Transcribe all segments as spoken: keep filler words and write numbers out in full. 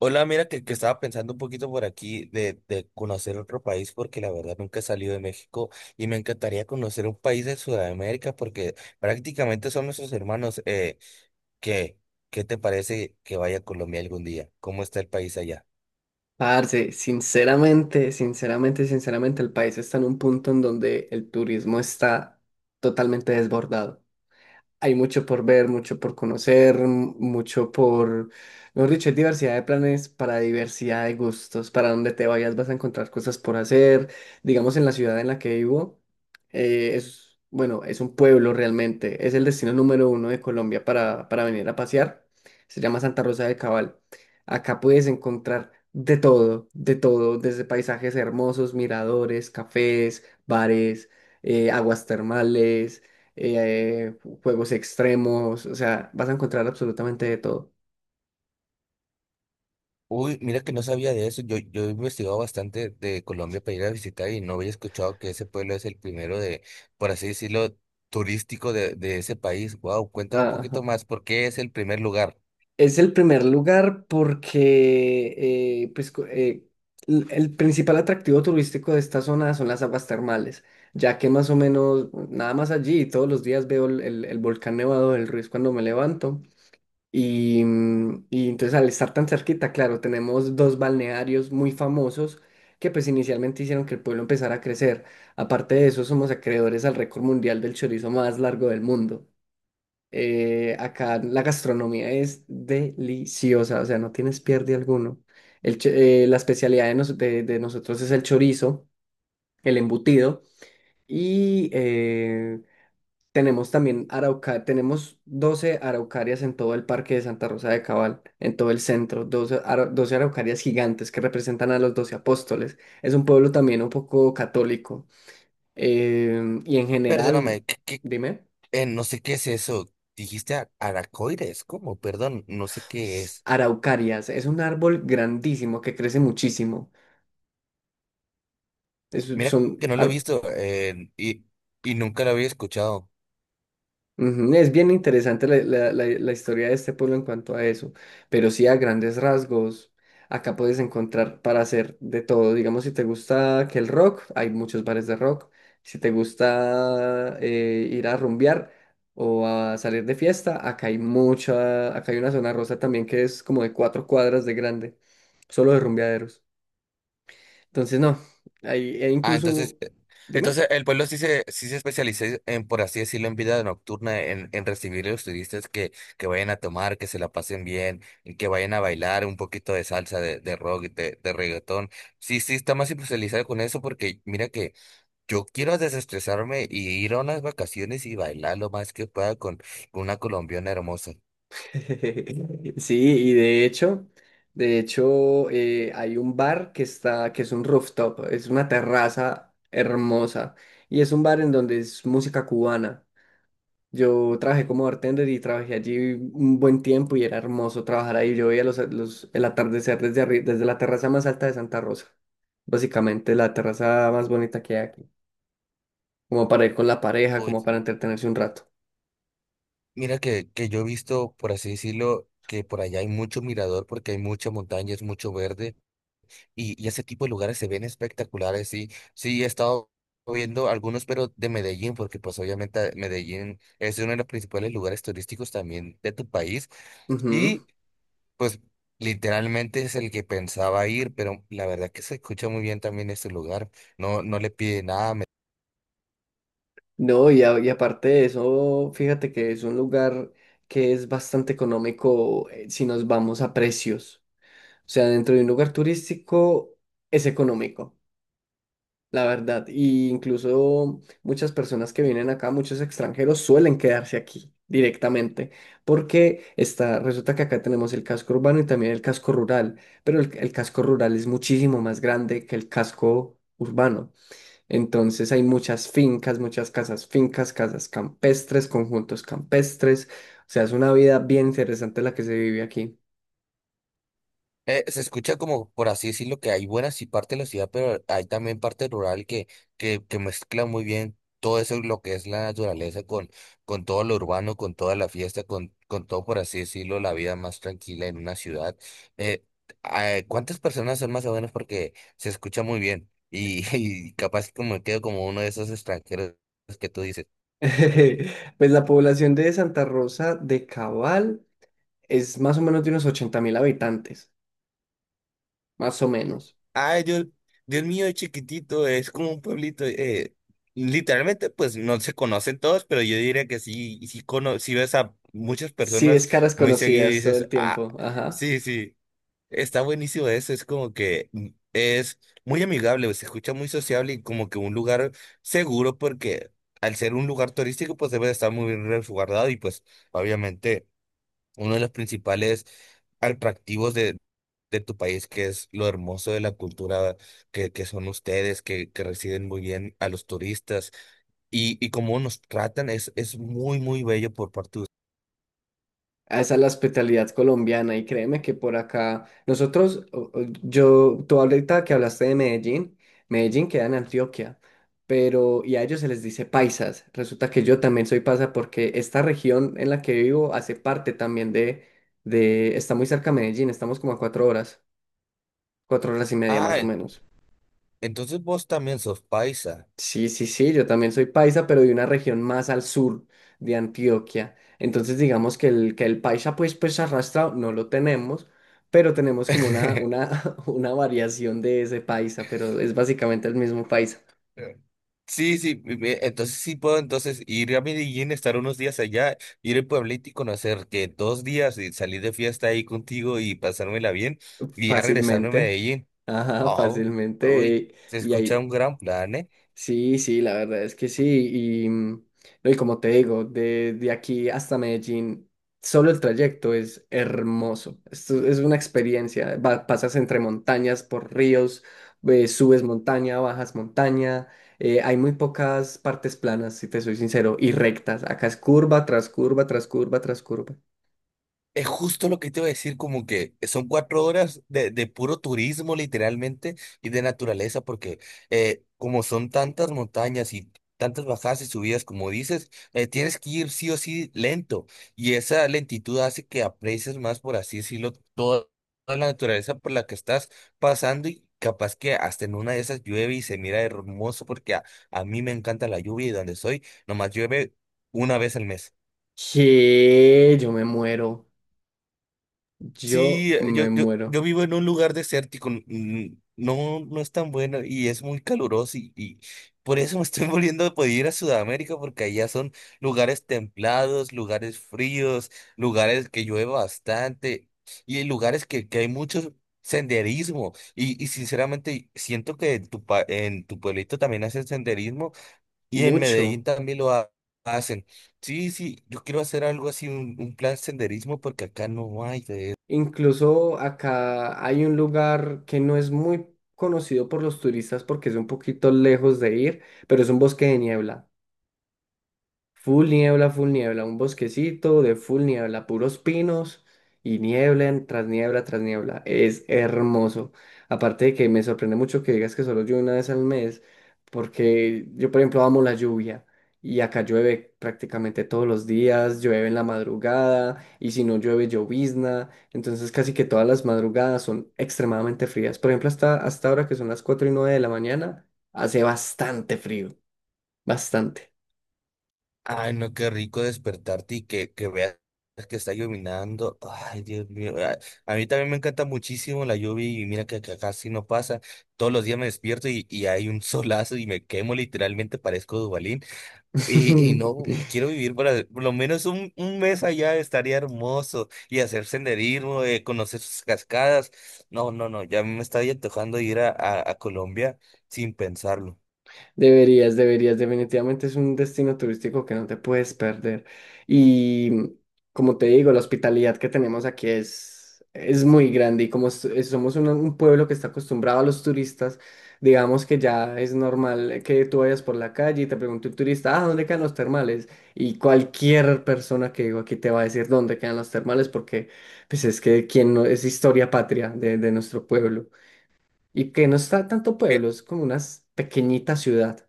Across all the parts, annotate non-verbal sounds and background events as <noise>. Hola, mira que, que estaba pensando un poquito por aquí de, de conocer otro país porque la verdad nunca he salido de México y me encantaría conocer un país de Sudamérica porque prácticamente son nuestros hermanos. Eh, ¿qué, qué te parece que vaya a Colombia algún día? ¿Cómo está el país allá? Parce, sinceramente, sinceramente, sinceramente, el país está en un punto en donde el turismo está totalmente desbordado. Hay mucho por ver, mucho por conocer, m- mucho por, mejor dicho, hay diversidad de planes para diversidad de gustos. Para donde te vayas vas a encontrar cosas por hacer. Digamos, en la ciudad en la que vivo, eh, es, bueno, es un pueblo realmente. Es el destino número uno de Colombia para, para venir a pasear. Se llama Santa Rosa de Cabal. Acá puedes encontrar de todo, de todo, desde paisajes hermosos, miradores, cafés, bares, eh, aguas termales, eh, juegos extremos. O sea, vas a encontrar absolutamente de todo. Uy, mira que no sabía de eso. Yo, yo he investigado bastante de Colombia para ir a visitar y no había escuchado que ese pueblo es el primero de, por así decirlo, turístico de, de ese país. Wow, cuéntame un Ajá. poquito más, ¿por qué es el primer lugar? Es el primer lugar porque eh, pues, co- eh, l- el principal atractivo turístico de esta zona son las aguas termales, ya que más o menos nada más allí todos los días veo el, el- el volcán nevado del Ruiz cuando me levanto. Y, mm, y entonces, al estar tan cerquita, claro, tenemos dos balnearios muy famosos que pues inicialmente hicieron que el pueblo empezara a crecer. Aparte de eso, somos acreedores al récord mundial del chorizo más largo del mundo. Eh, acá la gastronomía es deliciosa. O sea, no tienes pierde alguno. El cho- eh, la especialidad de, nos- de- de nosotros es el chorizo, el embutido, y eh, tenemos también arauca, tenemos doce araucarias en todo el parque de Santa Rosa de Cabal, en todo el centro, doce ara- doce araucarias gigantes que representan a los doce apóstoles. Es un pueblo también un poco católico. Em, y en general, Perdóname, ¿qué, qué- dime. Eh, no sé qué es eso. Dijiste a- Aracoides, ¿cómo? Perdón, no sé qué es. Araucarias, es un árbol grandísimo que crece muchísimo. Es- Mira son que no lo he ar- visto, eh, y, y nunca lo había escuchado. Ujú. Es bien interesante la, la- la- la historia de este pueblo en cuanto a eso, pero sí, a grandes rasgos, acá puedes encontrar para hacer de todo. Digamos, si te gusta que el rock, hay muchos bares de rock. Si te gusta eh, ir a rumbear o a salir de fiesta, acá hay mucha, acá hay una zona rosa también que es como de cuatro cuadras de grande, solo de rumbeaderos. Entonces, no, hay, e Ah, entonces, incluso, eh, dime. entonces el pueblo sí se, sí se especializa en, por así decirlo, en vida nocturna, en, en recibir a los turistas que, que vayan a tomar, que se la pasen bien, y que vayan a bailar un poquito de salsa, de, de rock, de, de reggaetón. Sí, sí, está más especializado con eso porque mira que yo quiero desestresarme y ir a unas vacaciones y bailar lo más que pueda con, con una colombiana hermosa. <laughs> Sí, y de hecho, de hecho, eh, hay un bar que está, que es un rooftop, es una terraza hermosa, y es un bar en donde es música cubana. Yo trabajé como bartender y trabajé allí un buen tiempo y era hermoso trabajar ahí. Yo veía los, los- el atardecer desde arri- desde la terraza más alta de Santa Rosa. Básicamente la terraza más bonita que hay aquí, como para ir con la pareja, como para Oye, entretenerse un rato. mira que, que yo he visto, por así decirlo, que por allá hay mucho mirador porque hay mucha montaña, es mucho verde y, y ese tipo de lugares se ven espectaculares. Sí, sí, he estado viendo algunos, pero de Medellín, porque pues obviamente Medellín es uno de los principales lugares turísticos también de tu país. Pues literalmente es el que pensaba ir, pero la verdad que se escucha muy bien también este lugar. No, no le pide nada. me- No, y, a- y aparte de eso, fíjate que es un lugar que es bastante económico, eh, si nos vamos a precios. O sea, dentro de un lugar turístico es económico, la verdad. Y incluso muchas personas que vienen acá, muchos extranjeros, suelen quedarse aquí directamente, porque está, resulta que acá tenemos el casco urbano y también el casco rural, pero el el casco rural es muchísimo más grande que el casco urbano. Entonces hay muchas fincas, muchas casas fincas, casas campestres, conjuntos campestres. O sea, es una vida bien interesante la que se vive aquí. Eh, se escucha como, por así decirlo, que hay buenas y parte de la ciudad, pero hay también parte rural que, que, que mezcla muy bien todo eso, lo que es la naturaleza, con, con todo lo urbano, con toda la fiesta, con, con todo, por así decirlo, la vida más tranquila en una ciudad. Eh, eh, ¿Cuántas personas son más o menos? Porque se escucha muy bien y, <laughs> y capaz como quedo como uno de esos extranjeros que tú dices. <laughs> Pues la población de Santa Rosa de Cabal es más o menos de unos ochenta mil habitantes, más o menos. Ay, Dios, Dios mío, es chiquitito, es como un pueblito. Eh, literalmente, pues no se conocen todos, pero yo diría que sí, y sí, cono sí ves a muchas Sí, personas es caras muy seguido y conocidas todo dices, el ah, tiempo. Ajá. sí, sí, está buenísimo eso. Es como que mm, es muy amigable, se escucha muy sociable y como que un lugar seguro, porque al ser un lugar turístico, pues debe de estar muy bien resguardado y pues obviamente uno de los principales atractivos de, de tu país, que es lo hermoso de la cultura que, que son ustedes, que, que reciben muy bien a los turistas y, y cómo nos tratan, es, es muy, muy bello por parte de ustedes. A esa es la hospitalidad colombiana, y créeme que por acá nosotros, o- o- yo, tú ahorita que hablaste de Medellín, Medellín queda en Antioquia, pero y a ellos se les dice paisas. Resulta que yo también soy paisa porque esta región en la que vivo hace parte también de, de, está muy cerca a Medellín, estamos como a cuatro horas, cuatro horas y media más Ah, o e, menos. entonces vos también sos paisa. Sí, sí, sí, yo también soy paisa, pero de una región más al sur de Antioquia. Entonces, digamos que el, que el paisa, pues, pues arrastrado no lo tenemos, pero tenemos como una, <laughs> una, <laughs> una variación de ese paisa, pero es básicamente el mismo paisa. Sí, sí, me- me- entonces sí puedo entonces ir a Medellín, estar unos días allá, ir al pueblito y conocer que dos días y salir de fiesta ahí contigo y pasármela bien y ya regresarme a Fácilmente. Medellín. Ajá, Oh, fácilmente. uy, eh, se Y, escucha hay, un gran plan, ¿eh? Sí, sí, la verdad es que sí. Y, mm, no, y como te digo, de, de aquí hasta Medellín, solo el trayecto es hermoso. Esto es una experiencia. Va- pasas entre montañas, por ríos, eh, subes montaña, bajas montaña. Eh, hay muy pocas partes planas, si te soy sincero, y rectas. Acá es curva tras curva, tras curva, tras curva. Es justo lo que te iba a decir, como que son cuatro horas de, de puro turismo literalmente y de naturaleza, porque eh, como son tantas montañas y tantas bajadas y subidas, como dices, eh, tienes que ir sí o sí lento y esa lentitud hace que aprecies más, por así decirlo, toda, toda la naturaleza por la que estás pasando y capaz que hasta en una de esas llueve y se mira hermoso porque a, a mí me encanta la lluvia y donde soy, nomás llueve una vez al mes. Que yo me muero. Yo Sí, eh, me yo, yo, muero. yo vivo en un lugar desértico, n- no, no es tan bueno y es muy caluroso y, y por eso me estoy <laughs> volviendo a poder ir a Sudamérica porque allá son lugares templados, lugares fríos, lugares que llueve bastante y hay lugares que, que hay mucho senderismo y, y sinceramente siento que en tu, pa- en tu pueblito también hacen senderismo y en Medellín Mucho. también lo ha- hacen. Sí, sí, yo quiero hacer algo así, un, un plan senderismo porque acá no hay de. Incluso acá hay un lugar que no es muy conocido por los turistas porque es un poquito lejos de ir, pero es un bosque de niebla. Full niebla, full niebla, un bosquecito de full niebla, puros pinos y niebla en- tras niebla tras niebla. Es hermoso. Aparte de que me sorprende mucho que digas que solo llueve una vez al mes, porque yo, por ejemplo, amo la lluvia, y acá llueve prácticamente todos los días, llueve en la madrugada, y si no llueve, llovizna. Entonces, casi que todas las madrugadas son extremadamente frías. Por ejemplo, hasta, hasta ahora que son las cuatro y nueve de la mañana, hace bastante frío, bastante. Ay, no, qué rico despertarte y que, que veas que está llovinando. Ay, Dios mío. A, a mí también me encanta muchísimo la lluvia y mira que acá casi no pasa. Todos los días me despierto y, y hay un <laughs> solazo y me quemo literalmente, parezco Dubalín. Y, y no, y <laughs> quiero vivir para por lo menos un, un mes allá, estaría hermoso y hacer senderismo, eh, conocer sus cascadas. No, no, no, ya me está antojando ir a, a, a Colombia sin pensarlo. Deberías, deberías, definitivamente es un destino turístico que no te puedes perder. Y como te digo, la hospitalidad que tenemos aquí es, es muy grande, y como s- eh, somos un, un pueblo que está acostumbrado a los turistas. Digamos que ya es normal que tú vayas por la calle y te pregunte un turista, ah, ¿dónde quedan los termales? Y cualquier persona que digo aquí te va a decir dónde quedan los termales, porque pues es que quien no, es historia patria de, de nuestro pueblo, y que no está tanto pueblo, es como una pequeñita ciudad.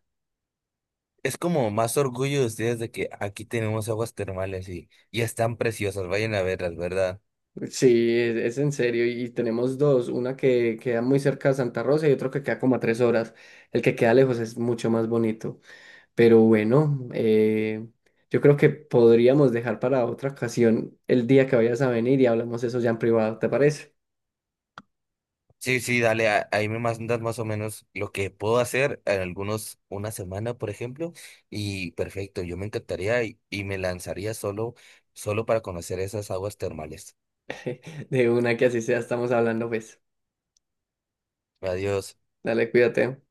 Es como más orgullo de ustedes de que aquí tenemos aguas termales y, y están preciosas, vayan a verlas, ¿verdad? Sí, es, es en serio. Y tenemos dos, una que queda muy cerca de Santa Rosa y otro que queda como a tres horas. El que queda lejos es mucho más bonito. Pero bueno, eh, yo creo que podríamos dejar para otra ocasión el día que vayas a venir y hablamos eso ya en privado, ¿te parece? Sí, sí, dale, a- ahí me mandas más o menos lo que puedo hacer en algunos, una semana, por ejemplo, y perfecto, yo me encantaría y, y me lanzaría solo, solo para conocer esas aguas termales. <laughs> De una que así sea, estamos hablando, pues. Adiós. Dale, cuídate.